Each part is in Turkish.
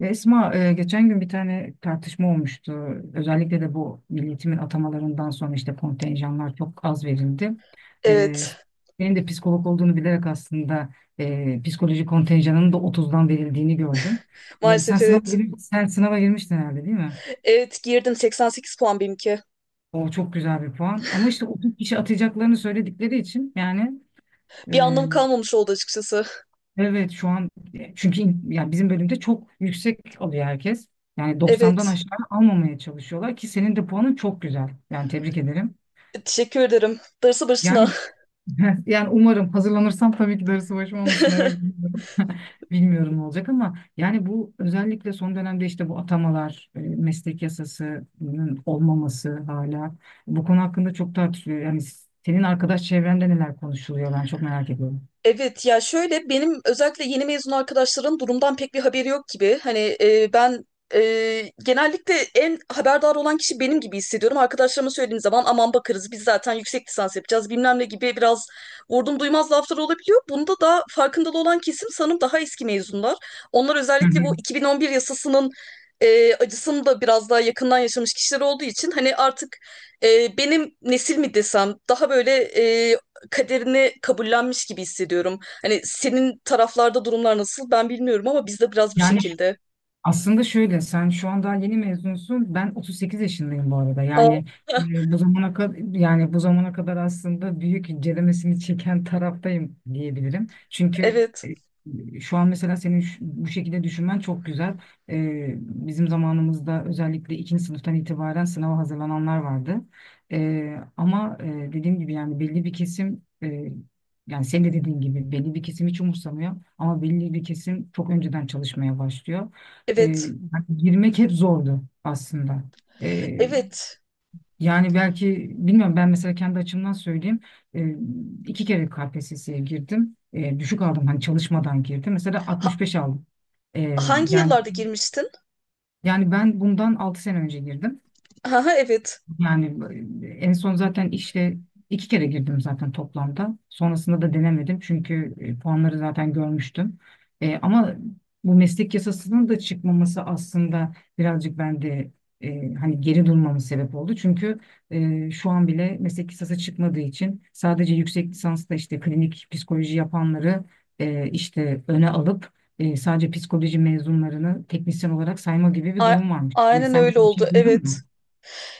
Ya Esma, geçen gün bir tane tartışma olmuştu. Özellikle de bu milletimin atamalarından sonra işte kontenjanlar çok az verildi. E, Evet. Senin de psikolog olduğunu bilerek aslında psikoloji kontenjanının da 30'dan verildiğini gördüm. Sen Maalesef evet. Sen sınava girmiştin herhalde, değil mi? Evet girdim, 88 puan benimki. O çok güzel bir puan. Ama işte 30 kişi atacaklarını söyledikleri için, yani Bir e, anlamı kalmamış oldu açıkçası. evet şu an, çünkü yani bizim bölümde çok yüksek alıyor herkes. Yani 90'dan Evet. aşağı almamaya çalışıyorlar ki senin de puanın çok güzel. Yani tebrik ederim. Teşekkür ederim. Darısı başına. Yani yani umarım hazırlanırsam tabii ki darısı başıma, ama sınava girmiyorum. Bilmiyorum ne olacak, ama yani bu özellikle son dönemde işte bu atamalar, meslek yasasının olmaması hala bu konu hakkında çok tartışılıyor. Yani senin arkadaş çevrende neler konuşuluyor ben çok merak ediyorum. Evet ya, şöyle, benim özellikle yeni mezun arkadaşların durumdan pek bir haberi yok gibi. Hani ben genellikle en haberdar olan kişi benim gibi hissediyorum. Arkadaşlarıma söylediğim zaman aman bakarız biz zaten yüksek lisans yapacağız bilmem ne gibi biraz vurdum duymaz laflar olabiliyor. Bunda da farkındalı olan kesim sanırım daha eski mezunlar. Onlar Hı özellikle hı. bu 2011 yasasının acısını da biraz daha yakından yaşamış kişiler olduğu için hani artık benim nesil mi desem daha böyle kaderini kabullenmiş gibi hissediyorum. Hani senin taraflarda durumlar nasıl ben bilmiyorum ama bizde biraz bu Yani şekilde. aslında şöyle, sen şu anda yeni mezunsun. Ben 38 yaşındayım bu arada. Yani Aa, bu zamana kadar aslında büyük incelemesini çeken taraftayım diyebilirim. Çünkü evet. Şu an mesela bu şekilde düşünmen çok güzel. Bizim zamanımızda özellikle ikinci sınıftan itibaren sınava hazırlananlar vardı. E, ama e, Dediğim gibi yani belli bir kesim, yani senin de dediğin gibi belli bir kesim hiç umursamıyor ama belli bir kesim çok önceden çalışmaya başlıyor. E, Evet. Hani girmek hep zordu aslında. E, Evet. Yani belki bilmiyorum, ben mesela kendi açımdan söyleyeyim. E, iki kere KPSS'ye girdim. Düşük aldım, hani çalışmadan girdim. Mesela Ha- 65 aldım. E, Hangi yani yıllarda girmiştin? Ben bundan 6 sene önce girdim. Aha, evet. Yani en son zaten işte iki kere girdim zaten toplamda. Sonrasında da denemedim çünkü puanları zaten görmüştüm. Ama bu meslek yasasının da çıkmaması aslında birazcık bende, hani geri durmamın sebep oldu. Çünkü şu an bile meslek yasası çıkmadığı için sadece yüksek lisansta işte klinik psikoloji yapanları işte öne alıp sadece psikoloji mezunlarını teknisyen olarak sayma gibi bir A- durum varmış. Yani aynen sen öyle bir oldu. şey duydun Evet. mu?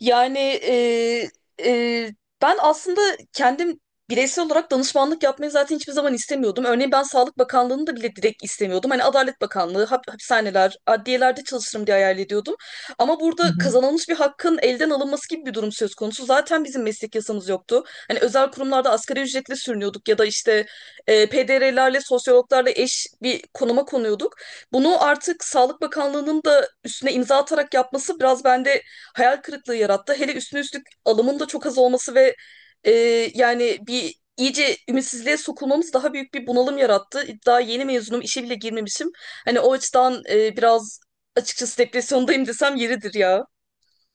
Yani, e, ben aslında kendim bireysel olarak danışmanlık yapmayı zaten hiçbir zaman istemiyordum. Örneğin ben Sağlık Bakanlığı'nı da bile direkt istemiyordum. Hani Adalet Bakanlığı, hapishaneler, adliyelerde çalışırım diye hayal ediyordum. Ama Hı burada hı. kazanılmış bir hakkın elden alınması gibi bir durum söz konusu. Zaten bizim meslek yasamız yoktu. Hani özel kurumlarda asgari ücretle sürünüyorduk ya da işte PDR'lerle, sosyologlarla eş bir konuma konuyorduk. Bunu artık Sağlık Bakanlığı'nın da üstüne imza atarak yapması biraz bende hayal kırıklığı yarattı. Hele üstüne üstlük alımın da çok az olması ve e, yani bir iyice ümitsizliğe sokulmamız daha büyük bir bunalım yarattı. Daha yeni mezunum, işe bile girmemişim. Hani o açıdan biraz açıkçası depresyondayım desem yeridir ya.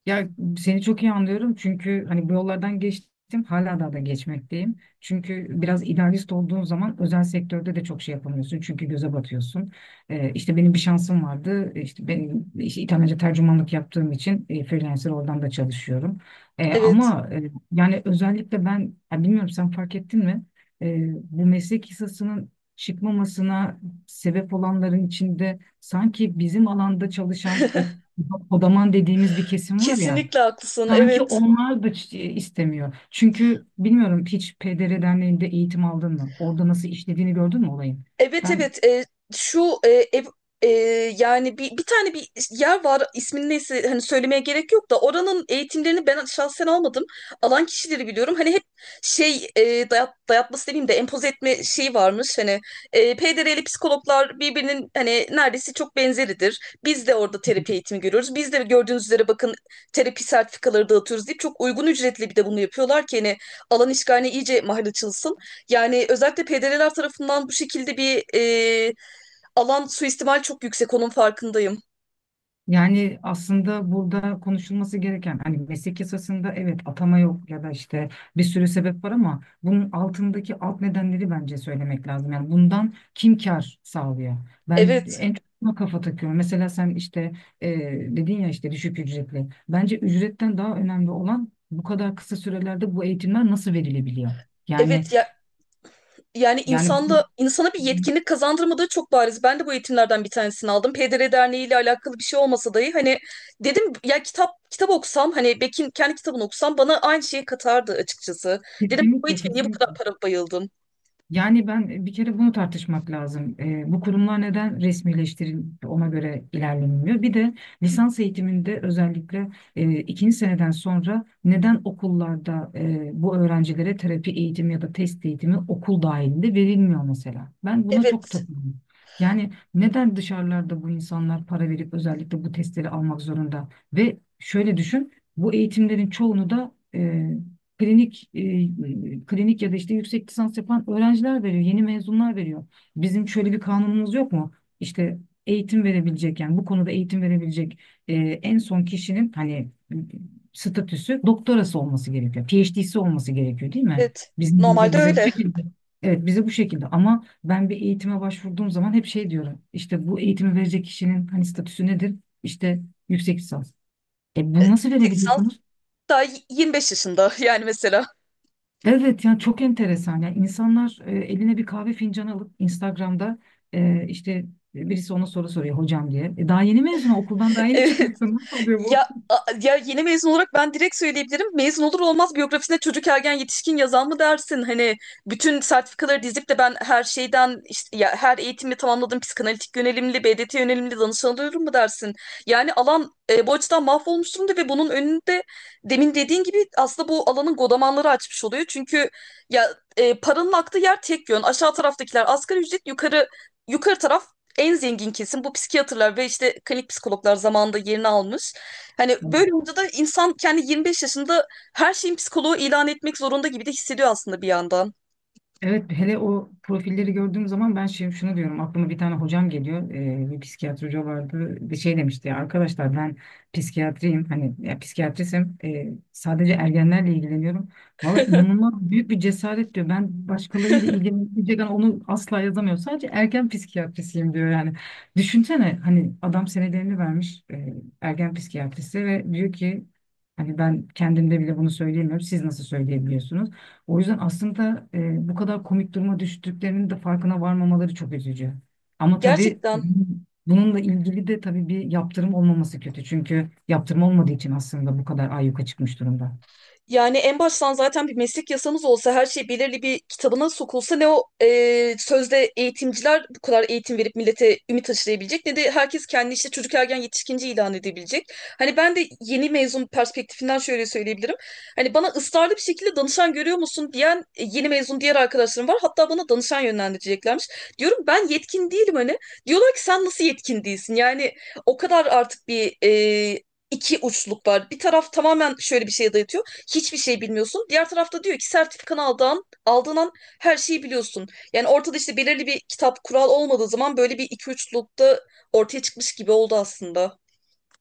Ya, seni çok iyi anlıyorum çünkü hani bu yollardan geçtim, hala daha da geçmekteyim. Çünkü biraz idealist olduğun zaman özel sektörde de çok şey yapamıyorsun çünkü göze batıyorsun. İşte benim bir şansım vardı, işte benim işte İtalyanca tercümanlık yaptığım için freelancer oradan da çalışıyorum. Evet. Yani özellikle ben, ya bilmiyorum sen fark ettin mi? Bu meslek yasasının çıkmamasına sebep olanların içinde sanki bizim alanda çalışan o odaman dediğimiz bir kesim var ya, Kesinlikle haklısın. sanki Evet. onlar da istemiyor. Çünkü bilmiyorum, hiç PDR Derneği'nde eğitim aldın mı? Orada nasıl işlediğini gördün mü olayın? Evet, Ben evet, e, şu e, ev- e, yani bir tane bir yer var, ismini neyse hani söylemeye gerek yok da oranın eğitimlerini ben şahsen almadım. Alan kişileri biliyorum. Hani hep şey, dayatması demeyeyim de empoze etme şeyi varmış. Hani PDR'li psikologlar birbirinin hani neredeyse çok benzeridir. Biz de orada terapi eğitimi görüyoruz. Biz de gördüğünüz üzere bakın, terapi sertifikaları dağıtıyoruz deyip çok uygun ücretli bir de bunu yapıyorlar ki hani alan işgaline iyice mahal açılsın. Yani özellikle PDD'ler tarafından bu şekilde bir alan suistimal çok yüksek, onun farkındayım. Yani aslında burada konuşulması gereken hani meslek yasasında evet atama yok ya da işte bir sürü sebep var, ama bunun altındaki alt nedenleri bence söylemek lazım. Yani bundan kim kar sağlıyor? Ben Evet. en çok buna kafa takıyorum. Mesela sen işte e, dedin ya işte düşük ücretli. Bence ücretten daha önemli olan bu kadar kısa sürelerde bu eğitimler nasıl verilebiliyor? Yani Evet ya, yani yani insanda insana bir yetkinlik kazandırmadığı çok bariz. Ben de bu eğitimlerden bir tanesini aldım. PDR Derneği ile alakalı bir şey olmasa dahi, hani dedim ya, kitap okusam, hani Beck'in kendi kitabını okusam bana aynı şeyi katardı açıkçası. Dedim, bu kesinlikle, eğitime niye bu kadar para bayıldım? yani ben, bir kere bunu tartışmak lazım. Bu kurumlar neden resmileştirilip ona göre ilerlenmiyor? Bir de lisans eğitiminde özellikle ikinci seneden sonra neden okullarda bu öğrencilere terapi eğitimi ya da test eğitimi okul dahilinde verilmiyor mesela? Ben buna çok Evet. takılıyorum. Yani neden dışarılarda bu insanlar para verip özellikle bu testleri almak zorunda? Ve şöyle düşün, bu eğitimlerin çoğunu da klinik ya da işte yüksek lisans yapan öğrenciler veriyor, yeni mezunlar veriyor. Bizim şöyle bir kanunumuz yok mu? İşte eğitim verebilecek, yani bu konuda eğitim verebilecek e, en son kişinin hani statüsü doktorası olması gerekiyor. PhD'si olması gerekiyor, değil mi? Evet. Bizim gibi Normalde bize bu öyle. şekilde. Evet, bize bu şekilde, ama ben bir eğitime başvurduğum zaman hep şey diyorum. İşte bu eğitimi verecek kişinin hani statüsü nedir? İşte yüksek lisans. E bunu nasıl Seksen verebiliyorsunuz? daha 25 yaşında yani mesela. Evet, yani çok enteresan. Yani insanlar eline bir kahve fincanı alıp Instagram'da işte birisi ona soru soruyor hocam diye. E, daha yeni mezun, okuldan daha yeni Evet. çıkmışsın. Nasıl Ya, oluyor ya yeni mezun olarak ben direkt söyleyebilirim. Mezun olur olmaz biyografisine çocuk ergen yetişkin yazan mı dersin? Hani bütün sertifikaları dizip de ben her şeyden işte ya her eğitimi tamamladım, psikanalitik yönelimli, BDT yönelimli danışan alıyorum mu dersin? Yani alan bu açıdan mahvolmuş durumda ve bunun önünde demin dediğin gibi aslında bu alanın godamanları açmış oluyor. Çünkü ya paranın aktığı yer tek yön. Aşağı taraftakiler asgari ücret, yukarı taraf en zengin kesim bu psikiyatrlar ve işte klinik psikologlar zamanında yerini almış. Hani bu? böyle olunca da insan kendi 25 yaşında her şeyin psikoloğu ilan etmek zorunda gibi de hissediyor aslında bir yandan. Evet, hele o profilleri gördüğüm zaman ben şunu diyorum, aklıma bir tane hocam geliyor, bir psikiyatri hoca vardı bir şey demişti ya, arkadaşlar ben psikiyatrisim, sadece ergenlerle ilgileniyorum. Valla inanılmaz büyük bir cesaret diyor, ben başkalarıyla ilgilenmeyecek yani onu asla yazamıyor, sadece ergen psikiyatrisiyim diyor yani. Düşünsene, hani adam senelerini vermiş ergen psikiyatrisi ve diyor ki hani ben kendimde bile bunu söyleyemiyorum, siz nasıl söyleyebiliyorsunuz? O yüzden aslında bu kadar komik duruma düştüklerinin de farkına varmamaları çok üzücü. Ama tabii Gerçekten. bununla ilgili de tabii bir yaptırım olmaması kötü. Çünkü yaptırım olmadığı için aslında bu kadar ayyuka çıkmış durumda. Yani en baştan zaten bir meslek yasamız olsa, her şey belirli bir kitabına sokulsa, ne o sözde eğitimciler bu kadar eğitim verip millete ümit aşılayabilecek ne de herkes kendi işte çocuk ergen yetişkinci ilan edebilecek. Hani ben de yeni mezun perspektifinden şöyle söyleyebilirim. Hani bana ısrarlı bir şekilde danışan görüyor musun diyen yeni mezun diğer arkadaşlarım var. Hatta bana danışan yönlendireceklermiş. Diyorum ben yetkin değilim hani. Diyorlar ki sen nasıl yetkin değilsin? Yani o kadar artık bir iki uçluk var. Bir taraf tamamen şöyle bir şeye dayatıyor, hiçbir şey bilmiyorsun. Diğer tarafta diyor ki, sertifikanı aldığın an her şeyi biliyorsun. Yani ortada işte belirli bir kitap kural olmadığı zaman böyle bir iki üçlülükte ortaya çıkmış gibi oldu aslında.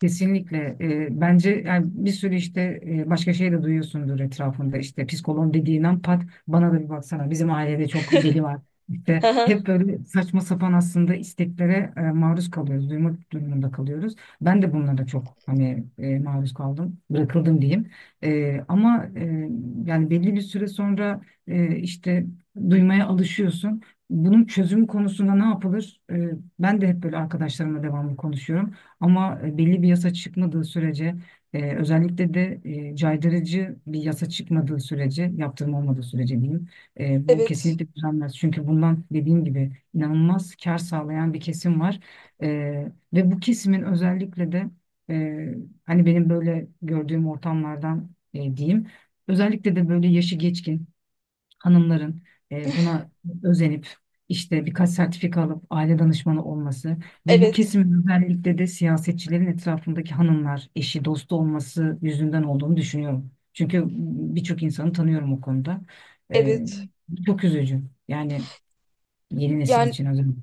Kesinlikle. Bence yani bir sürü işte başka şey de duyuyorsundur etrafında. İşte psikoloğun dediğin an pat, bana da bir baksana. Bizim ailede çok deli var. İşte hep böyle saçma sapan aslında isteklere maruz kalıyoruz. Duymak durumunda kalıyoruz. Ben de bunlara çok hani maruz kaldım. Bırakıldım diyeyim. E, ama e, Yani belli bir süre sonra e, işte duymaya alışıyorsun. Bunun çözüm konusunda ne yapılır? Ben de hep böyle arkadaşlarımla devamlı konuşuyorum. Ama belli bir yasa çıkmadığı sürece, özellikle de caydırıcı bir yasa çıkmadığı sürece, yaptırım olmadığı sürece diyeyim, bu Evet, kesinlikle düzelmez. Çünkü bundan dediğim gibi inanılmaz kar sağlayan bir kesim var. E, Ve bu kesimin özellikle de, e, hani benim böyle gördüğüm ortamlardan diyeyim. Özellikle de böyle yaşı geçkin hanımların buna özenip işte birkaç sertifika alıp aile danışmanı olması ve bu evet, kesimin özellikle de siyasetçilerin etrafındaki hanımlar, eşi, dostu olması yüzünden olduğunu düşünüyorum. Çünkü birçok insanı tanıyorum o konuda. E, evet. Çok üzücü. Yani yeni nesil Yani için özellikle.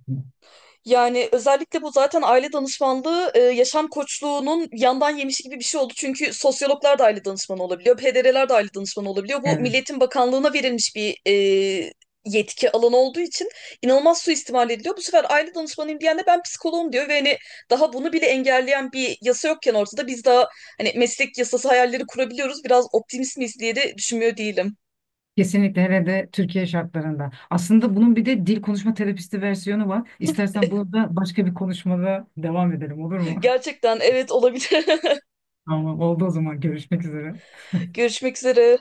Yani özellikle bu zaten aile danışmanlığı, yaşam koçluğunun yandan yemişi gibi bir şey oldu. Çünkü sosyologlar da aile danışmanı olabiliyor, PDR'ler de aile danışmanı olabiliyor. Bu Evet. Milliyetin Bakanlığı'na verilmiş bir yetki alanı olduğu için inanılmaz suistimal ediliyor. Bu sefer aile danışmanıyım diyen de ben psikoloğum diyor ve hani daha bunu bile engelleyen bir yasa yokken ortada, biz daha hani meslek yasası hayalleri kurabiliyoruz. Biraz optimist miyiz diye de düşünmüyor değilim. Kesinlikle, hele de Türkiye şartlarında. Aslında bunun bir de dil konuşma terapisti versiyonu var. İstersen bunu da başka bir konuşmada devam edelim, olur mu? Gerçekten evet, olabilir. Tamam, oldu o zaman, görüşmek üzere. Görüşmek üzere.